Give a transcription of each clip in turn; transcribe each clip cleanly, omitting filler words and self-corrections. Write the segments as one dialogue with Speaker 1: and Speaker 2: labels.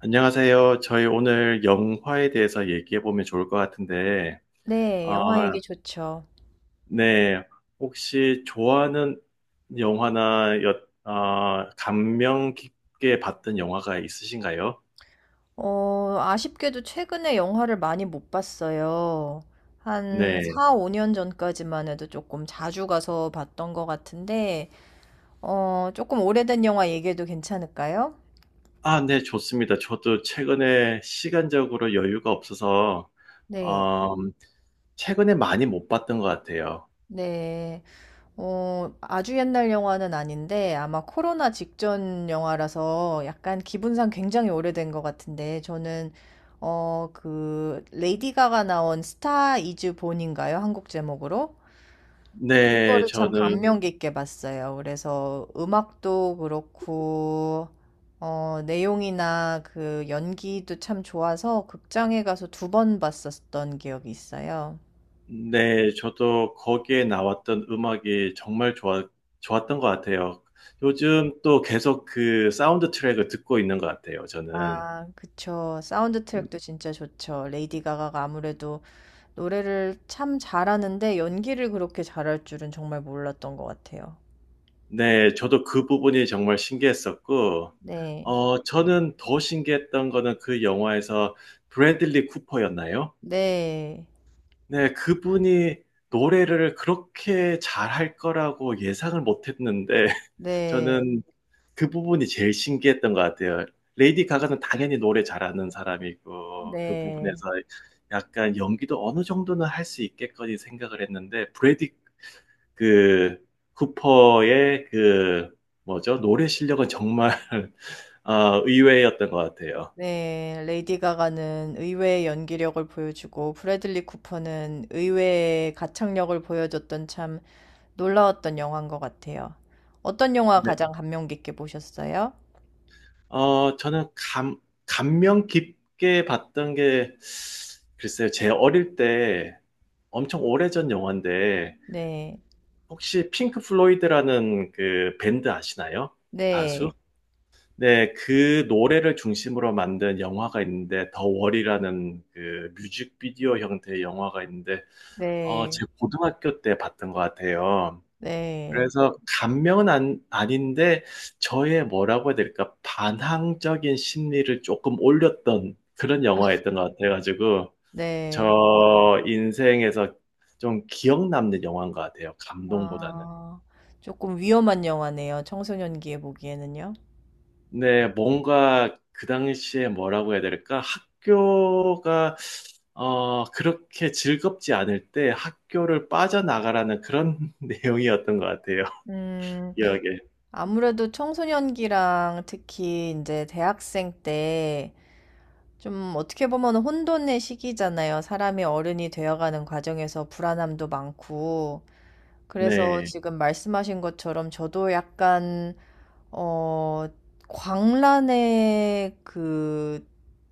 Speaker 1: 안녕하세요. 저희 오늘 영화에 대해서 얘기해 보면 좋을 것 같은데,
Speaker 2: 네,
Speaker 1: 아,
Speaker 2: 영화 얘기 좋죠.
Speaker 1: 네. 혹시 좋아하는 영화나 아, 감명 깊게 봤던 영화가 있으신가요?
Speaker 2: 아쉽게도 최근에 영화를 많이 못 봤어요. 한
Speaker 1: 네.
Speaker 2: 4, 5년 전까지만 해도 조금 자주 가서 봤던 것 같은데, 조금 오래된 영화 얘기해도 괜찮을까요?
Speaker 1: 아, 네, 좋습니다. 저도 최근에 시간적으로 여유가 없어서,
Speaker 2: 네,
Speaker 1: 음, 최근에 많이 못 봤던 것 같아요.
Speaker 2: 네. 아주 옛날 영화는 아닌데, 아마 코로나 직전 영화라서 약간 기분상 굉장히 오래된 것 같은데, 저는, 그, 레이디 가가 나온 스타 이즈 본인가요? 한국 제목으로?
Speaker 1: 네,
Speaker 2: 그거를 참
Speaker 1: 저는.
Speaker 2: 감명 깊게 봤어요. 그래서 음악도 그렇고, 내용이나 그 연기도 참 좋아서 극장에 가서 두 번 봤었던 기억이 있어요.
Speaker 1: 네, 저도 거기에 나왔던 음악이 정말 좋았던 것 같아요. 요즘 또 계속 그 사운드 트랙을 듣고 있는 것 같아요, 저는.
Speaker 2: 아, 그쵸. 사운드 트랙도 진짜 좋죠. 레이디 가가가 아무래도 노래를 참 잘하는데 연기를 그렇게 잘할 줄은 정말 몰랐던 것 같아요.
Speaker 1: 네, 저도 그 부분이 정말 신기했었고,
Speaker 2: 네.
Speaker 1: 저는 더 신기했던 거는 그 영화에서 브래들리 쿠퍼였나요?
Speaker 2: 네.
Speaker 1: 네, 그분이 노래를 그렇게 잘할 거라고 예상을 못 했는데,
Speaker 2: 네.
Speaker 1: 저는 그 부분이 제일 신기했던 것 같아요. 레이디 가가는 당연히 노래 잘하는 사람이고 그 부분에서
Speaker 2: 네.
Speaker 1: 약간 연기도 어느 정도는 할 수 있겠거니 생각을 했는데 브래디 그 쿠퍼의 그 뭐죠? 노래 실력은 정말 의외였던 것 같아요.
Speaker 2: 네. 레이디 가가는 의외의 연기력을 보여주고 브래들리 쿠퍼는 의외의 가창력을 보여줬던 참 놀라웠던 영화인 것 같아요. 어떤 영화
Speaker 1: 네.
Speaker 2: 가장 감명 깊게 보셨어요?
Speaker 1: 어, 저는 감, 감명 깊게 봤던 게 글쎄요. 제 어릴 때 엄청 오래전 영화인데
Speaker 2: 네.
Speaker 1: 혹시 핑크 플로이드라는 그 밴드 아시나요? 가수?
Speaker 2: 네.
Speaker 1: 네, 그 노래를 중심으로 만든 영화가 있는데 더 월이라는 그 뮤직비디오 형태의 영화가 있는데
Speaker 2: 네.
Speaker 1: 제 고등학교 때 봤던 것 같아요.
Speaker 2: 네.
Speaker 1: 그래서 감명은 안, 아닌데 저의 뭐라고 해야 될까 반항적인 심리를 조금 올렸던 그런 영화였던 것 같아가지고 저
Speaker 2: 네.
Speaker 1: 인생에서 좀 기억 남는 영화인 것 같아요. 감동보다는.
Speaker 2: 아, 조금 위험한 영화네요. 청소년기에 보기에는요.
Speaker 1: 네, 뭔가 그 당시에 뭐라고 해야 될까? 학교가 그렇게 즐겁지 않을 때 학교를 빠져나가라는 그런 내용이었던 것 같아요.
Speaker 2: 음.
Speaker 1: 기억에.
Speaker 2: 아무래도 청소년기랑 특히 이제 대학생 때 좀 어떻게 보면 혼돈의 시기잖아요. 사람이 어른이 되어가는 과정에서 불안함도 많고. 그래서
Speaker 1: 네.
Speaker 2: 지금 말씀하신 것처럼 저도 약간, 어, 광란의 그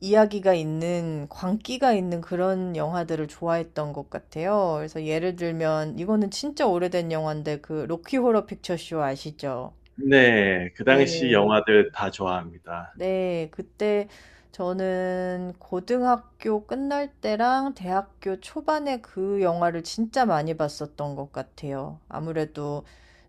Speaker 2: 이야기가 있는, 광기가 있는 그런 영화들을 좋아했던 것 같아요. 그래서 예를 들면, 이거는 진짜 오래된 영화인데, 그 로키 호러 픽처쇼 아시죠?
Speaker 1: 네. 그 당시
Speaker 2: 네.
Speaker 1: 영화들 다 좋아합니다.
Speaker 2: 네, 그때 저는 고등학교 끝날 때랑 대학교 초반에 그 영화를 진짜 많이 봤었던 것 같아요. 아무래도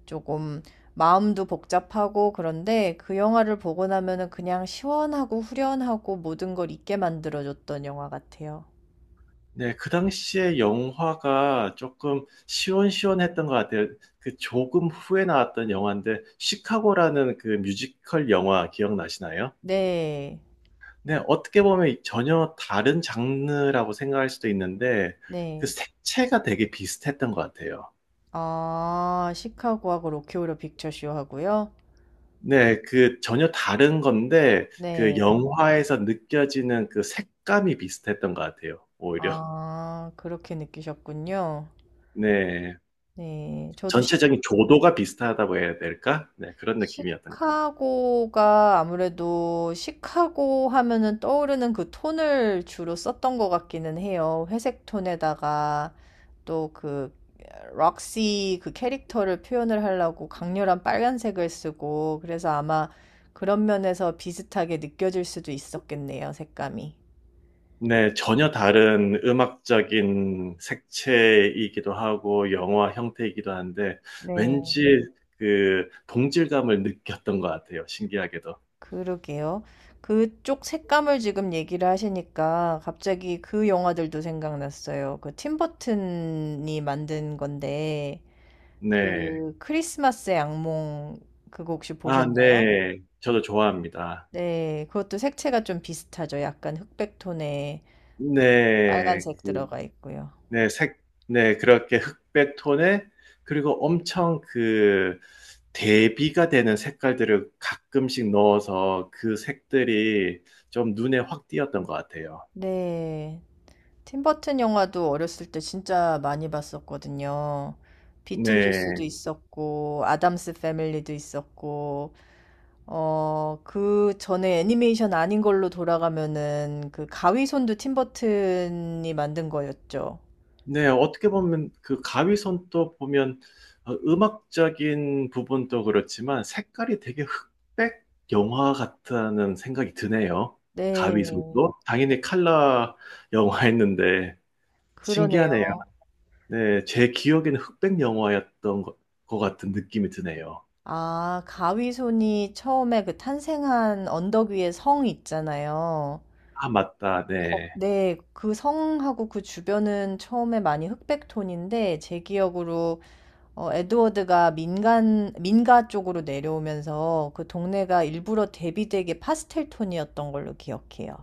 Speaker 2: 조금 마음도 복잡하고 그런데 그 영화를 보고 나면은 그냥 시원하고 후련하고 모든 걸 잊게 만들어줬던 영화 같아요.
Speaker 1: 네. 그 당시에 영화가 조금 시원시원했던 것 같아요. 그 조금 후에 나왔던 영화인데, 시카고라는 그 뮤지컬 영화 기억나시나요?
Speaker 2: 네,
Speaker 1: 네, 어떻게 보면 전혀 다른 장르라고 생각할 수도 있는데, 그
Speaker 2: 네.
Speaker 1: 색채가 되게 비슷했던 것 같아요.
Speaker 2: 아, 시카고하고 로키 호러 픽처쇼 하고요.
Speaker 1: 네, 그 전혀 다른 건데, 그
Speaker 2: 네.
Speaker 1: 영화에서 느껴지는 그 색감이 비슷했던 것 같아요, 오히려.
Speaker 2: 아, 그렇게 느끼셨군요.
Speaker 1: 네,
Speaker 2: 네. 저도 시
Speaker 1: 전체적인 조도가 비슷하다고 해야 될까? 네, 그런 느낌이었던 것 같아요.
Speaker 2: 시카고가 아무래도 시카고 하면은 떠오르는 그 톤을 주로 썼던 것 같기는 해요. 회색 톤에다가 또 그 록시 그 캐릭터를 표현을 하려고 강렬한 빨간색을 쓰고 그래서 아마 그런 면에서 비슷하게 느껴질 수도 있었겠네요, 색감이.
Speaker 1: 네, 전혀 다른 음악적인 색채이기도 하고 영화 형태이기도 한데
Speaker 2: 네.
Speaker 1: 왠지 그 동질감을 느꼈던 것 같아요. 신기하게도.
Speaker 2: 그러게요. 그쪽 색감을 지금 얘기를 하시니까 갑자기 그 영화들도 생각났어요. 그 팀버튼이 만든 건데
Speaker 1: 네.
Speaker 2: 그 크리스마스의 악몽 그거 혹시
Speaker 1: 아,
Speaker 2: 보셨나요? 음.
Speaker 1: 네. 저도 좋아합니다.
Speaker 2: 네, 그것도 색채가 좀 비슷하죠. 약간 흑백 톤에
Speaker 1: 네.
Speaker 2: 빨간색 들어가 있고요.
Speaker 1: 네, 네, 그렇게 흑백 톤에 그리고 엄청 그 대비가 되는 색깔들을 가끔씩 넣어서 그 색들이 좀 눈에 확 띄었던 것 같아요.
Speaker 2: 네, 팀버튼 영화도 어렸을 때 진짜 많이 봤었거든요.
Speaker 1: 네.
Speaker 2: 비틀주스도 있었고 아담스 패밀리도 있었고 그 전에 애니메이션 아닌 걸로 돌아가면은 그 가위손도 팀버튼이 만든 거였죠.
Speaker 1: 네, 어떻게 보면 그 가위손도 보면 음악적인 부분도 그렇지만 색깔이 되게 흑백 영화 같다는 생각이 드네요.
Speaker 2: 네,
Speaker 1: 가위손도 당연히 컬러 영화였는데 신기하네요.
Speaker 2: 그러네요.
Speaker 1: 네, 제 기억에는 것 같은 느낌이 드네요.
Speaker 2: 아, 가위손이 처음에 그 탄생한 언덕 위에 성 있잖아요.
Speaker 1: 아, 맞다. 네.
Speaker 2: 네, 그 성하고 그 주변은 처음에 많이 흑백톤인데 제 기억으로 에드워드가 민간 민가 쪽으로 내려오면서 그 동네가 일부러 대비되게 파스텔 톤이었던 걸로 기억해요.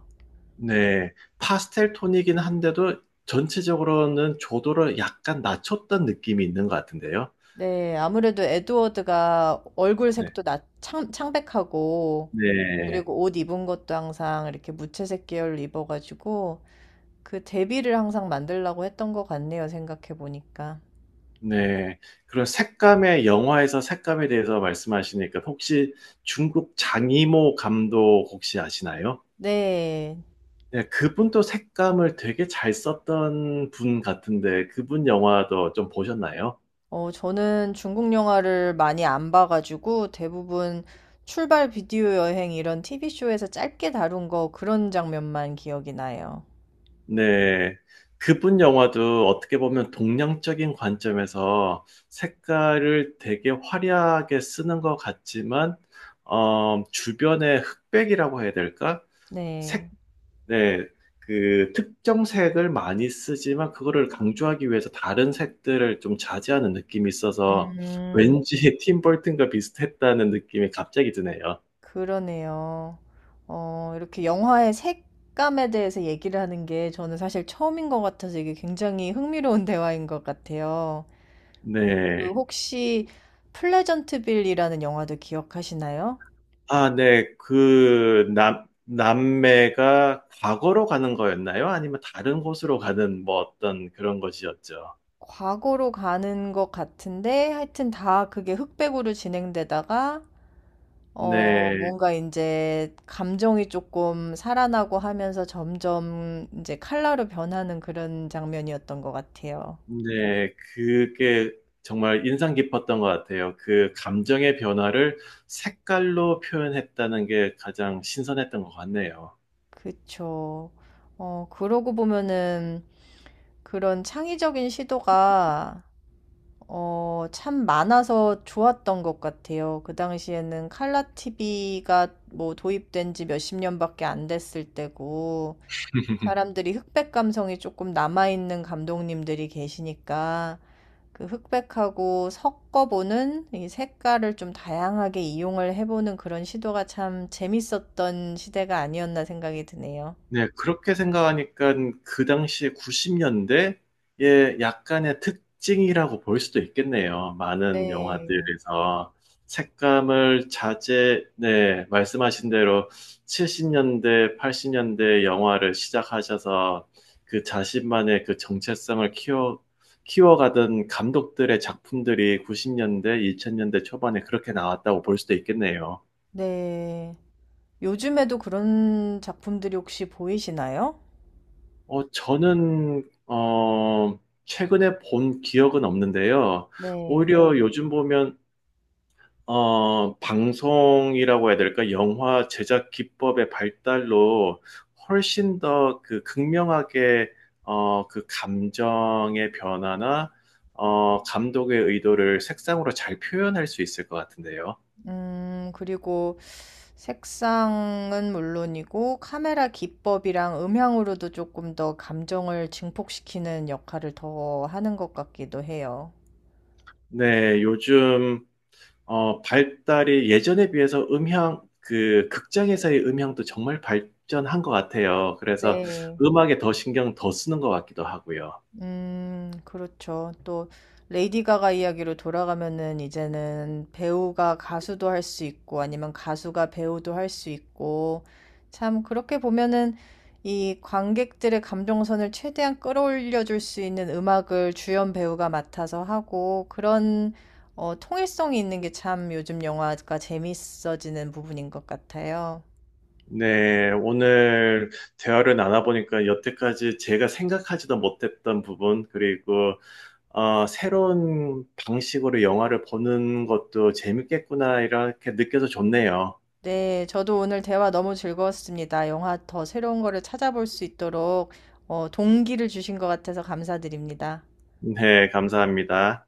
Speaker 1: 네. 파스텔 톤이긴 한데도 전체적으로는 조도를 약간 낮췄던 느낌이 있는 것 같은데요.
Speaker 2: 네, 아무래도 에드워드가 얼굴
Speaker 1: 네.
Speaker 2: 색도 창백하고,
Speaker 1: 네.
Speaker 2: 그리고 옷 입은 것도 항상 이렇게 무채색 계열로 입어가지고, 그 대비를 항상 만들려고 했던 것 같네요, 생각해보니까.
Speaker 1: 네. 그런 색감의 영화에서 색감에 대해서 말씀하시니까 혹시 중국 장이모 감독 혹시 아시나요?
Speaker 2: 네,
Speaker 1: 네, 그분도 색감을 되게 잘 썼던 분 같은데 그분 영화도 좀 보셨나요?
Speaker 2: 저는 중국 영화를 많이 안 봐가지고, 대부분 출발 비디오 여행 이런 TV쇼에서 짧게 다룬 거 그런 장면만 기억이 나요.
Speaker 1: 네. 그분 영화도 어떻게 보면 동양적인 관점에서 색깔을 되게 화려하게 쓰는 것 같지만, 주변의 흑백이라고 해야 될까?
Speaker 2: 네.
Speaker 1: 색 네, 그 특정 색을 많이 쓰지만 그거를 강조하기 위해서 다른 색들을 좀 자제하는 느낌이 있어서
Speaker 2: 음.
Speaker 1: 왠지 팀 버튼과 비슷했다는 느낌이 갑자기 드네요.
Speaker 2: 그러네요. 이렇게 영화의 색감에 대해서 얘기를 하는 게 저는 사실 처음인 것 같아서 이게 굉장히 흥미로운 대화인 것 같아요.
Speaker 1: 네.
Speaker 2: 그 혹시 플레전트빌이라는 영화도 기억하시나요?
Speaker 1: 아, 네. 그 남매가 과거로 가는 거였나요? 아니면 다른 곳으로 가는 뭐 어떤 그런 것이었죠.
Speaker 2: 과거로 가는 것 같은데 하여튼 다 그게 흑백으로 진행되다가
Speaker 1: 네.
Speaker 2: 뭔가 이제 감정이 조금 살아나고 하면서 점점 이제 칼라로 변하는 그런 장면이었던 것 같아요.
Speaker 1: 네, 그게 정말 인상 깊었던 것 같아요. 그 감정의 변화를 색깔로 표현했다는 게 가장 신선했던 것 같네요.
Speaker 2: 그쵸. 그러고 보면은 그런 창의적인 시도가 참 많아서 좋았던 것 같아요. 그 당시에는 칼라 TV가 뭐 도입된 지 몇 십 년밖에 안 됐을 때고, 사람들이 흑백 감성이 조금 남아있는 감독님들이 계시니까, 그 흑백하고 섞어보는 이 색깔을 좀 다양하게 이용을 해보는 그런 시도가 참 재밌었던 시대가 아니었나 생각이 드네요.
Speaker 1: 네, 그렇게 생각하니까 그 당시에 90년대의 약간의 특징이라고 볼 수도 있겠네요. 많은
Speaker 2: 네.
Speaker 1: 영화들에서 네, 말씀하신 대로 70년대, 80년대 영화를 시작하셔서 그 자신만의 그 정체성을 키워가던 감독들의 작품들이 90년대, 2000년대 초반에 그렇게 나왔다고 볼 수도 있겠네요.
Speaker 2: 네. 요즘에도 그런 작품들이 혹시 보이시나요?
Speaker 1: 어, 저는, 어, 최근에 본 기억은 없는데요.
Speaker 2: 네.
Speaker 1: 오히려 요즘 보면, 방송이라고 해야 될까? 영화 제작 기법의 발달로 훨씬 더 그 극명하게, 그 감정의 변화나, 감독의 의도를 색상으로 잘 표현할 수 있을 것 같은데요.
Speaker 2: 그리고 색상은 물론이고 카메라 기법이랑 음향으로도 조금 더 감정을 증폭시키는 역할을 더 하는 것 같기도 해요.
Speaker 1: 네, 요즘, 발달이 예전에 비해서 음향, 그 극장에서의 음향도 정말 발전한 것 같아요. 그래서
Speaker 2: 네.
Speaker 1: 음악에 더 신경 더 쓰는 것 같기도 하고요.
Speaker 2: 그렇죠. 또 레이디 가가 이야기로 돌아가면은 이제는 배우가 가수도 할 수 있고 아니면 가수가 배우도 할 수 있고 참 그렇게 보면은 이 관객들의 감정선을 최대한 끌어올려 줄 수 있는 음악을 주연 배우가 맡아서 하고 그런 통일성이 있는 게 참 요즘 영화가 재밌어지는 부분인 것 같아요.
Speaker 1: 네, 오늘 대화를 나눠보니까 여태까지 제가 생각하지도 못했던 부분, 그리고 새로운 방식으로 영화를 보는 것도 재밌겠구나, 이렇게 느껴서 좋네요.
Speaker 2: 네, 저도 오늘 대화 너무 즐거웠습니다. 영화 더 새로운 거를 찾아볼 수 있도록 동기를 주신 것 같아서 감사드립니다.
Speaker 1: 네, 감사합니다.